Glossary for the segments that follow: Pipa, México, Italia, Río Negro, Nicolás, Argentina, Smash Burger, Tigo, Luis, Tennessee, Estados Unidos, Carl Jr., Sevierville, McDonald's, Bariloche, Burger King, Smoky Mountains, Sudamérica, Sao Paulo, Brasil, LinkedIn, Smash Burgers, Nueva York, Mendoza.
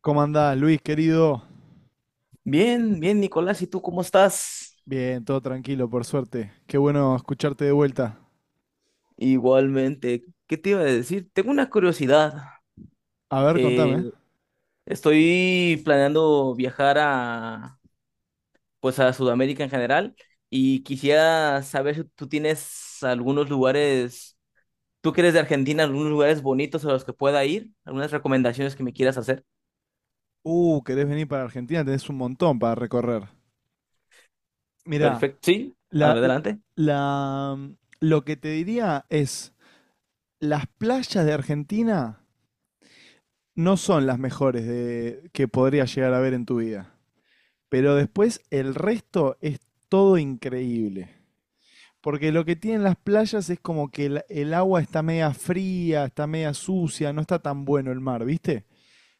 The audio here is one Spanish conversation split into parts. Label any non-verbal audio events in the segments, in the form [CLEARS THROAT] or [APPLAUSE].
¿Cómo andás, Luis, querido? Bien, bien, Nicolás, ¿y tú cómo estás? Bien, todo tranquilo, por suerte. Qué bueno escucharte de vuelta. Igualmente, ¿qué te iba a decir? Tengo una curiosidad. A ver, contame. Eh, estoy planeando viajar a, pues, a Sudamérica en general y quisiera saber si tú tienes algunos lugares, tú que eres de Argentina, algunos lugares bonitos a los que pueda ir, algunas recomendaciones que me quieras hacer. Querés venir para Argentina, tenés un montón para recorrer. Mirá, Perfecto, sí, la, adelante, la, lo que te diría es, las playas de Argentina no son las mejores de, que podrías llegar a ver en tu vida. Pero después el resto es todo increíble. Porque lo que tienen las playas es como que el agua está media fría, está media sucia, no está tan bueno el mar, ¿viste?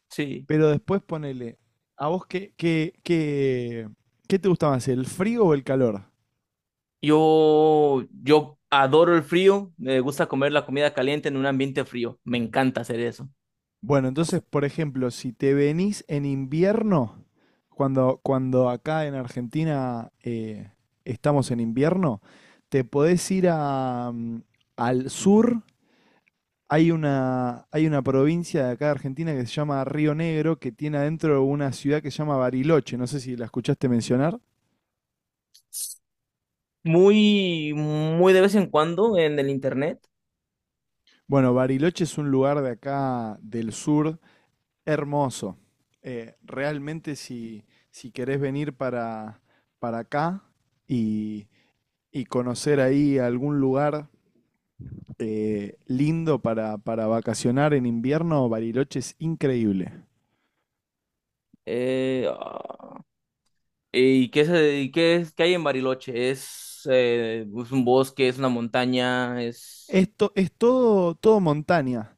sí. Pero después ponele, ¿a vos qué te gusta más, el frío o el calor? Yo adoro el frío, me gusta comer la comida caliente en un ambiente frío, me encanta hacer eso. Bueno, entonces, por ejemplo, si te venís en invierno, cuando acá en Argentina estamos en invierno, te podés ir a, al sur. Hay una provincia de acá de Argentina que se llama Río Negro, que tiene adentro una ciudad que se llama Bariloche. No sé si la escuchaste mencionar. Muy, muy de vez en cuando en el internet. Bueno, Bariloche es un lugar de acá del sur, hermoso. Realmente si querés venir para acá y, y conocer ahí algún lugar lindo para vacacionar en invierno, Bariloche es increíble. Eh, ah, ¿y qué es, y qué es, qué hay en Bariloche? Es un bosque, es una montaña, Esto es todo montaña.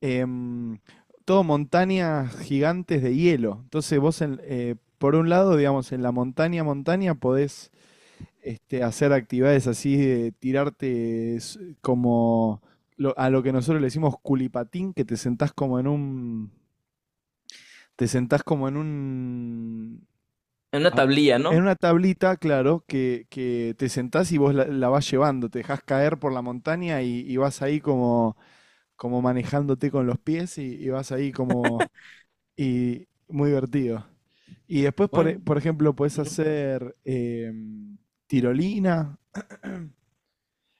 em, Todo montañas gigantes de hielo. Entonces vos, por un lado, digamos, en la montaña, podés hacer actividades así de tirarte como a lo que nosotros le decimos culipatín, que te sentás como en un, te sentás como en un, es una a- tablilla, en ¿no? una tablita, claro, que te sentás y vos la, la vas llevando, te dejás caer por la montaña y vas ahí como, como manejándote con los pies y vas ahí como. Y muy divertido. Y después, Bueno, por ejemplo, puedes ujú, hacer tirolina,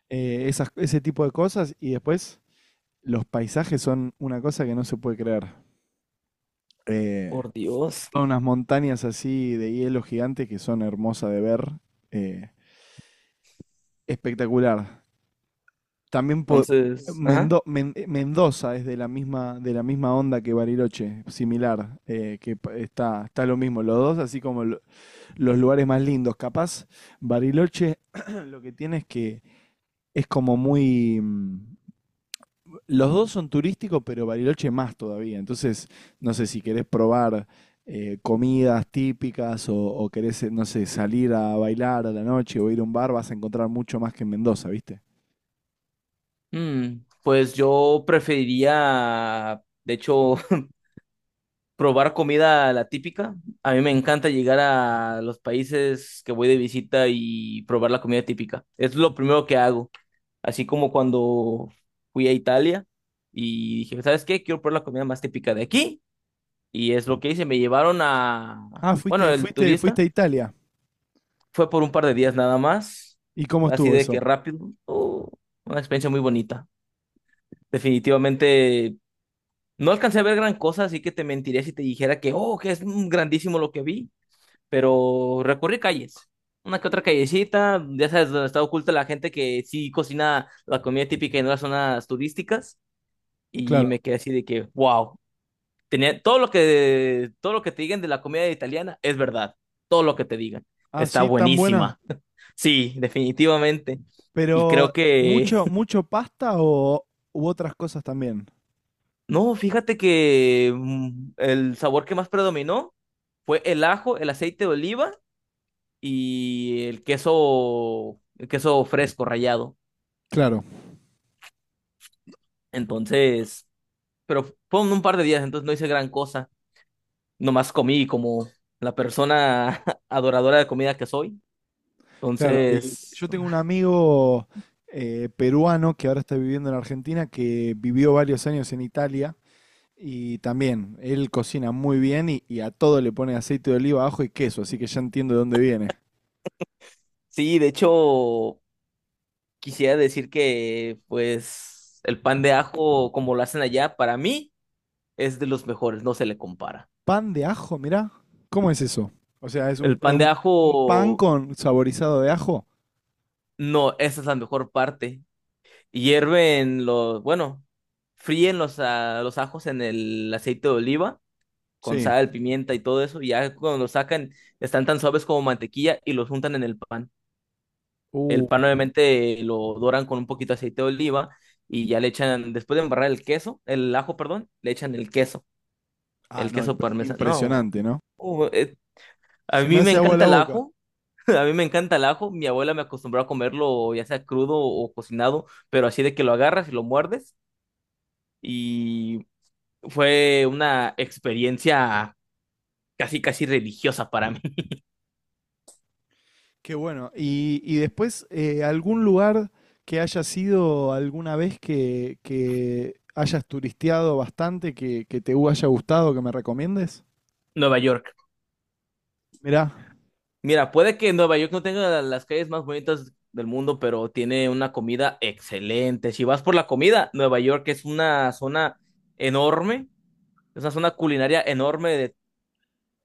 ese tipo de cosas. Y después, los paisajes son una cosa que no se puede creer. Eh, por Dios. son unas montañas así de hielo gigante que son hermosas de ver. eh, espectacular. También Entonces, ajá. Mendoza es de la misma onda que Bariloche, similar, está, está lo mismo, los dos así como los lugares más lindos. Capaz, Bariloche [CLEARS THROAT] [COUGHS] lo que tiene es que es como muy... mm, los dos son turísticos, pero Bariloche más todavía. Entonces, no sé si querés probar comidas típicas o querés, no sé, salir a bailar a la noche o ir a un bar, vas a encontrar mucho más que en Mendoza, ¿viste? Mm, pues yo preferiría, de hecho, [LAUGHS] probar comida la típica. A mí me encanta llegar a los países que voy de visita y probar la comida típica. Es lo primero que hago. Así como cuando fui a Italia y dije, ¿sabes qué? Quiero probar la comida más típica de aquí. Y es lo que hice. Me llevaron a... Ah, Bueno, el turista fuiste a Italia. fue por un par de días nada más. ¿Y cómo Así estuvo de que eso? rápido. Oh, una experiencia muy bonita. Definitivamente no alcancé a ver gran cosa, así que te mentiría si te dijera que, oh, que es grandísimo lo que vi. Pero recorrí calles. Una que otra callecita, ya sabes, donde está oculta la gente que sí cocina la comida típica y no las zonas turísticas. Y Claro. me quedé así de que, wow, tenía todo lo que te digan de la comida italiana es verdad, todo lo que te digan. Ah, Está sí, tan buena. buenísima. [LAUGHS] Sí, definitivamente. Y Pero creo que, mucho, mucho pasta o u otras cosas también. [LAUGHS] no, fíjate que el sabor que más predominó fue el ajo, el aceite de oliva y el queso fresco rallado. Claro. Entonces, pero fue en un par de días, entonces no hice gran cosa. Nomás comí como la persona [LAUGHS] adoradora de comida que soy. Claro, y Entonces, yo tengo un amigo peruano que ahora está viviendo en Argentina, que vivió varios años en Italia y también él cocina muy bien y a todo le pone aceite de oliva, ajo y queso, así que ya entiendo de dónde viene. sí, de hecho, quisiera decir que, pues, el pan de ajo, como lo hacen allá, para mí es de los mejores, no se le compara. Pan de ajo, mirá, ¿cómo es eso? O sea, es un, El pan de un pan ajo, con saborizado de ajo. no, esa es la mejor parte. Hierven los, bueno, fríen los, los ajos en el aceite de oliva, con Sí. sal, pimienta y todo eso, y ya cuando los sacan, están tan suaves como mantequilla y los juntan en el pan. El Uh, pan obviamente lo doran con un poquito de aceite de oliva y ya le echan, después de embarrar el queso, el ajo, perdón, le echan ah, el no, queso parmesano. No, impresionante, ¿no? uh, eh, a Se me mí me hace agua encanta la el boca. ajo, [LAUGHS] a mí me encanta el ajo. Mi abuela me acostumbró a comerlo ya sea crudo o cocinado, pero así de que lo agarras y lo muerdes y fue una experiencia casi, casi religiosa para mí, Qué bueno. Y después, ¿algún lugar que hayas sido alguna vez que hayas turisteado bastante, que te haya gustado, que me recomiendes? [LAUGHS] Nueva York. Mirá, Mira, puede que Nueva York no tenga las calles más bonitas del mundo, pero tiene una comida excelente. Si vas por la comida, Nueva York es una zona enorme, es una zona culinaria enorme de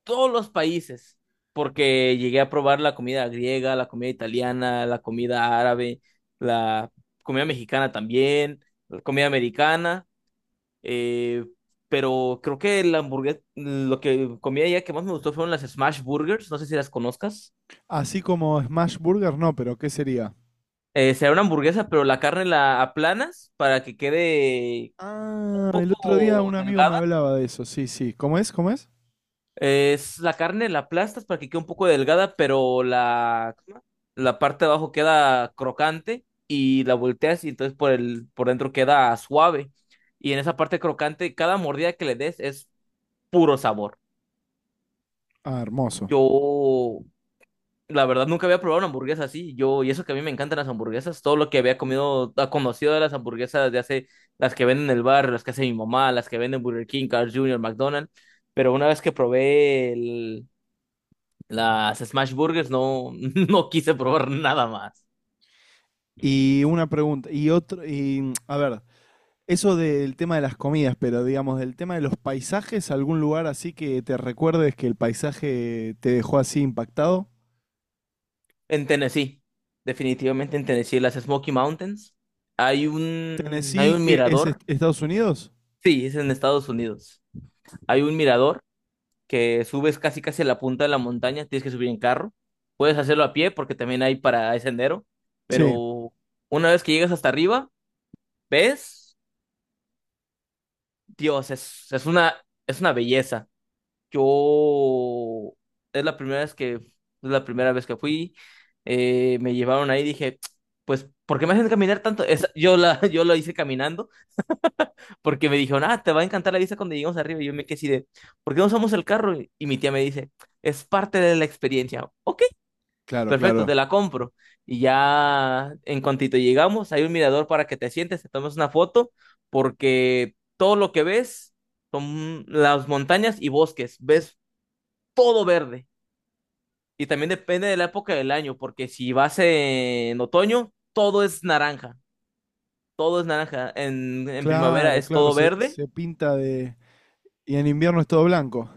todos los países, porque llegué a probar la comida griega, la comida italiana, la comida árabe, la comida mexicana también, la comida americana, eh, pero creo que la hamburguesa, lo que comí allá que más me gustó fueron las Smash Burgers, no sé si las conozcas. así como Smash Burger, no, pero ¿qué sería? Será una hamburguesa, pero la carne la aplanas para que quede un Ah, el otro día poco un amigo me delgada. hablaba de eso, sí, sí. ¿Cómo es? ¿Cómo es? Es la carne la aplastas para que quede un poco delgada, pero la, ¿cómo se llama? La parte de abajo queda crocante y la volteas y entonces por el, por dentro queda suave. Y en esa parte crocante, cada mordida que le des es puro sabor. Ah, hermoso. Yo la verdad, nunca había probado una hamburguesa así. Yo, y eso que a mí me encantan las hamburguesas, todo lo que había comido, conocido de las hamburguesas de hace, las que venden en el bar, las que hace mi mamá, las que venden Burger King, Carl Jr., McDonald's. Pero una vez que probé las Smash Burgers, no, [LAUGHS] no quise probar nada más. Y una pregunta, y otro, y a ver, eso del tema de las comidas, pero digamos, del tema de los paisajes, ¿algún lugar así que te recuerdes que el paisaje te dejó así impactado? En Tennessee, definitivamente en Tennessee, las Smoky Mountains, Eh, hay ¿Tennessee, un que es mirador. Estados Unidos? Sí, es en Estados Unidos. Hay un mirador que subes casi casi a la punta de la montaña, tienes que subir en carro. Puedes hacerlo a pie porque también hay para ese sendero, Sí, pero una vez que llegas hasta arriba, ves, Dios, es una belleza. Yo es la primera vez que, es la primera vez que fui, me llevaron ahí, dije, pues, ¿por qué me hacen caminar tanto? Esa- yo la, [LAUGHS] yo lo hice caminando porque me dijeron, ah, te va a encantar la vista cuando lleguemos arriba. Y yo me quedé así de, ¿por qué no usamos el carro? Y mi tía me dice, es parte de la experiencia. Ok, claro, perfecto, claro. te la compro. Y ya en cuantito llegamos, hay un mirador para que te sientes, te tomes una foto, porque todo lo que ves son las montañas y bosques, ves todo verde. Y también depende de la época del año, porque si vas en otoño, todo es naranja, todo es naranja. En primavera Claro, es claro, todo se, verde, se pinta de... Y en invierno es todo blanco.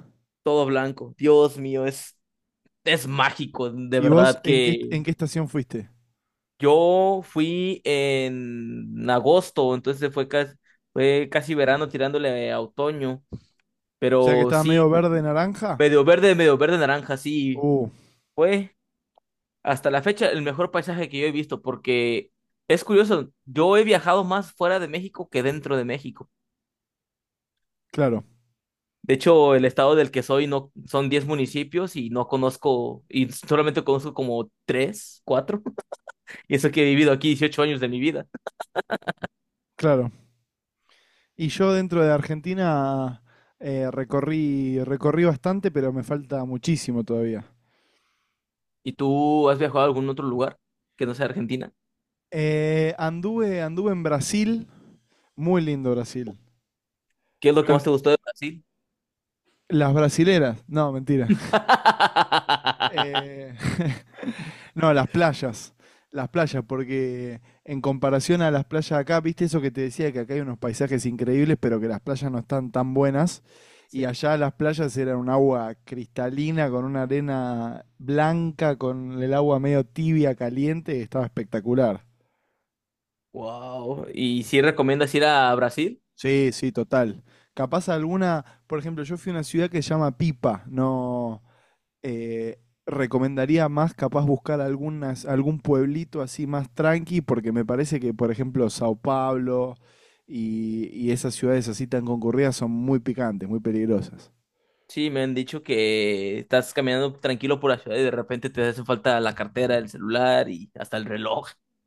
todo blanco. Dios mío, es mágico, de ¿Y vos verdad que en qué estación fuiste? yo fui en agosto, entonces fue casi verano tirándole a otoño, O sea que pero estaba medio sí, verde, naranja. Medio verde naranja, sí, Uh, fue hasta la fecha el mejor paisaje que yo he visto, porque es curioso, yo he viajado más fuera de México que dentro de México. claro, De hecho, el estado del que soy no son 10 municipios y no conozco, y solamente conozco como 3 4 [LAUGHS] y eso que he vivido aquí 18 años de mi vida. claro. Y yo dentro de Argentina recorrí, recorrí bastante, pero me falta muchísimo todavía. ¿Y tú has viajado a algún otro lugar que no sea Argentina? Anduve, anduve en Brasil, muy lindo Brasil. ¿Qué es lo que más te gustó de Brasil? Las brasileras, no, mentira. [LAUGHS] Eh, [LAUGHS] no, las playas, porque en comparación a las playas acá, viste eso que te decía, que acá hay unos paisajes increíbles, pero que las playas no están tan buenas. Y Sí. allá las playas eran un agua cristalina, con una arena blanca, con el agua medio tibia, caliente, estaba espectacular. Wow. ¿Y si recomiendas ir a Brasil? Sí, sí, total. Capaz alguna, por ejemplo, yo fui a una ciudad que se llama Pipa, no eh, recomendaría más capaz buscar algunas, algún pueblito así más tranqui, porque me parece que, por ejemplo, Sao Paulo y esas ciudades así tan concurridas son muy picantes, muy peligrosas. Sí, me han dicho que estás caminando tranquilo por la ciudad y de repente te hace falta la cartera, el celular y hasta el reloj. [LAUGHS]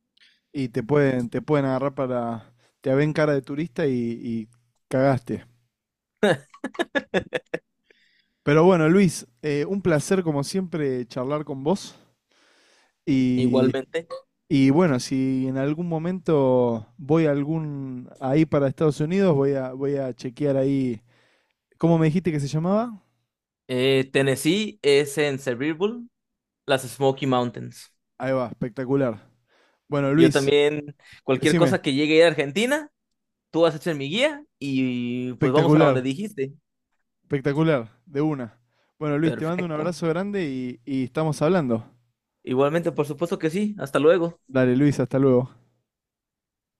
Y te pueden agarrar para, te ven cara de turista y cagaste. Pero bueno, Luis, un placer como siempre charlar con vos. Y Igualmente. y bueno, si en algún momento voy a algún ahí para Estados Unidos, voy a, voy a chequear ahí. ¿Cómo me dijiste que se llamaba? Tennessee es en Sevierville, las Smoky Mountains. Ahí va, espectacular. Bueno, Yo Luis, también, cualquier decime, cosa que llegue a ir a Argentina, tú vas a ser mi guía y pues vamos a donde espectacular, dijiste. espectacular, de una. Bueno, Luis, te mando un Perfecto. abrazo grande y estamos hablando. Igualmente, por supuesto que sí. Hasta luego. Dale, Luis, hasta luego.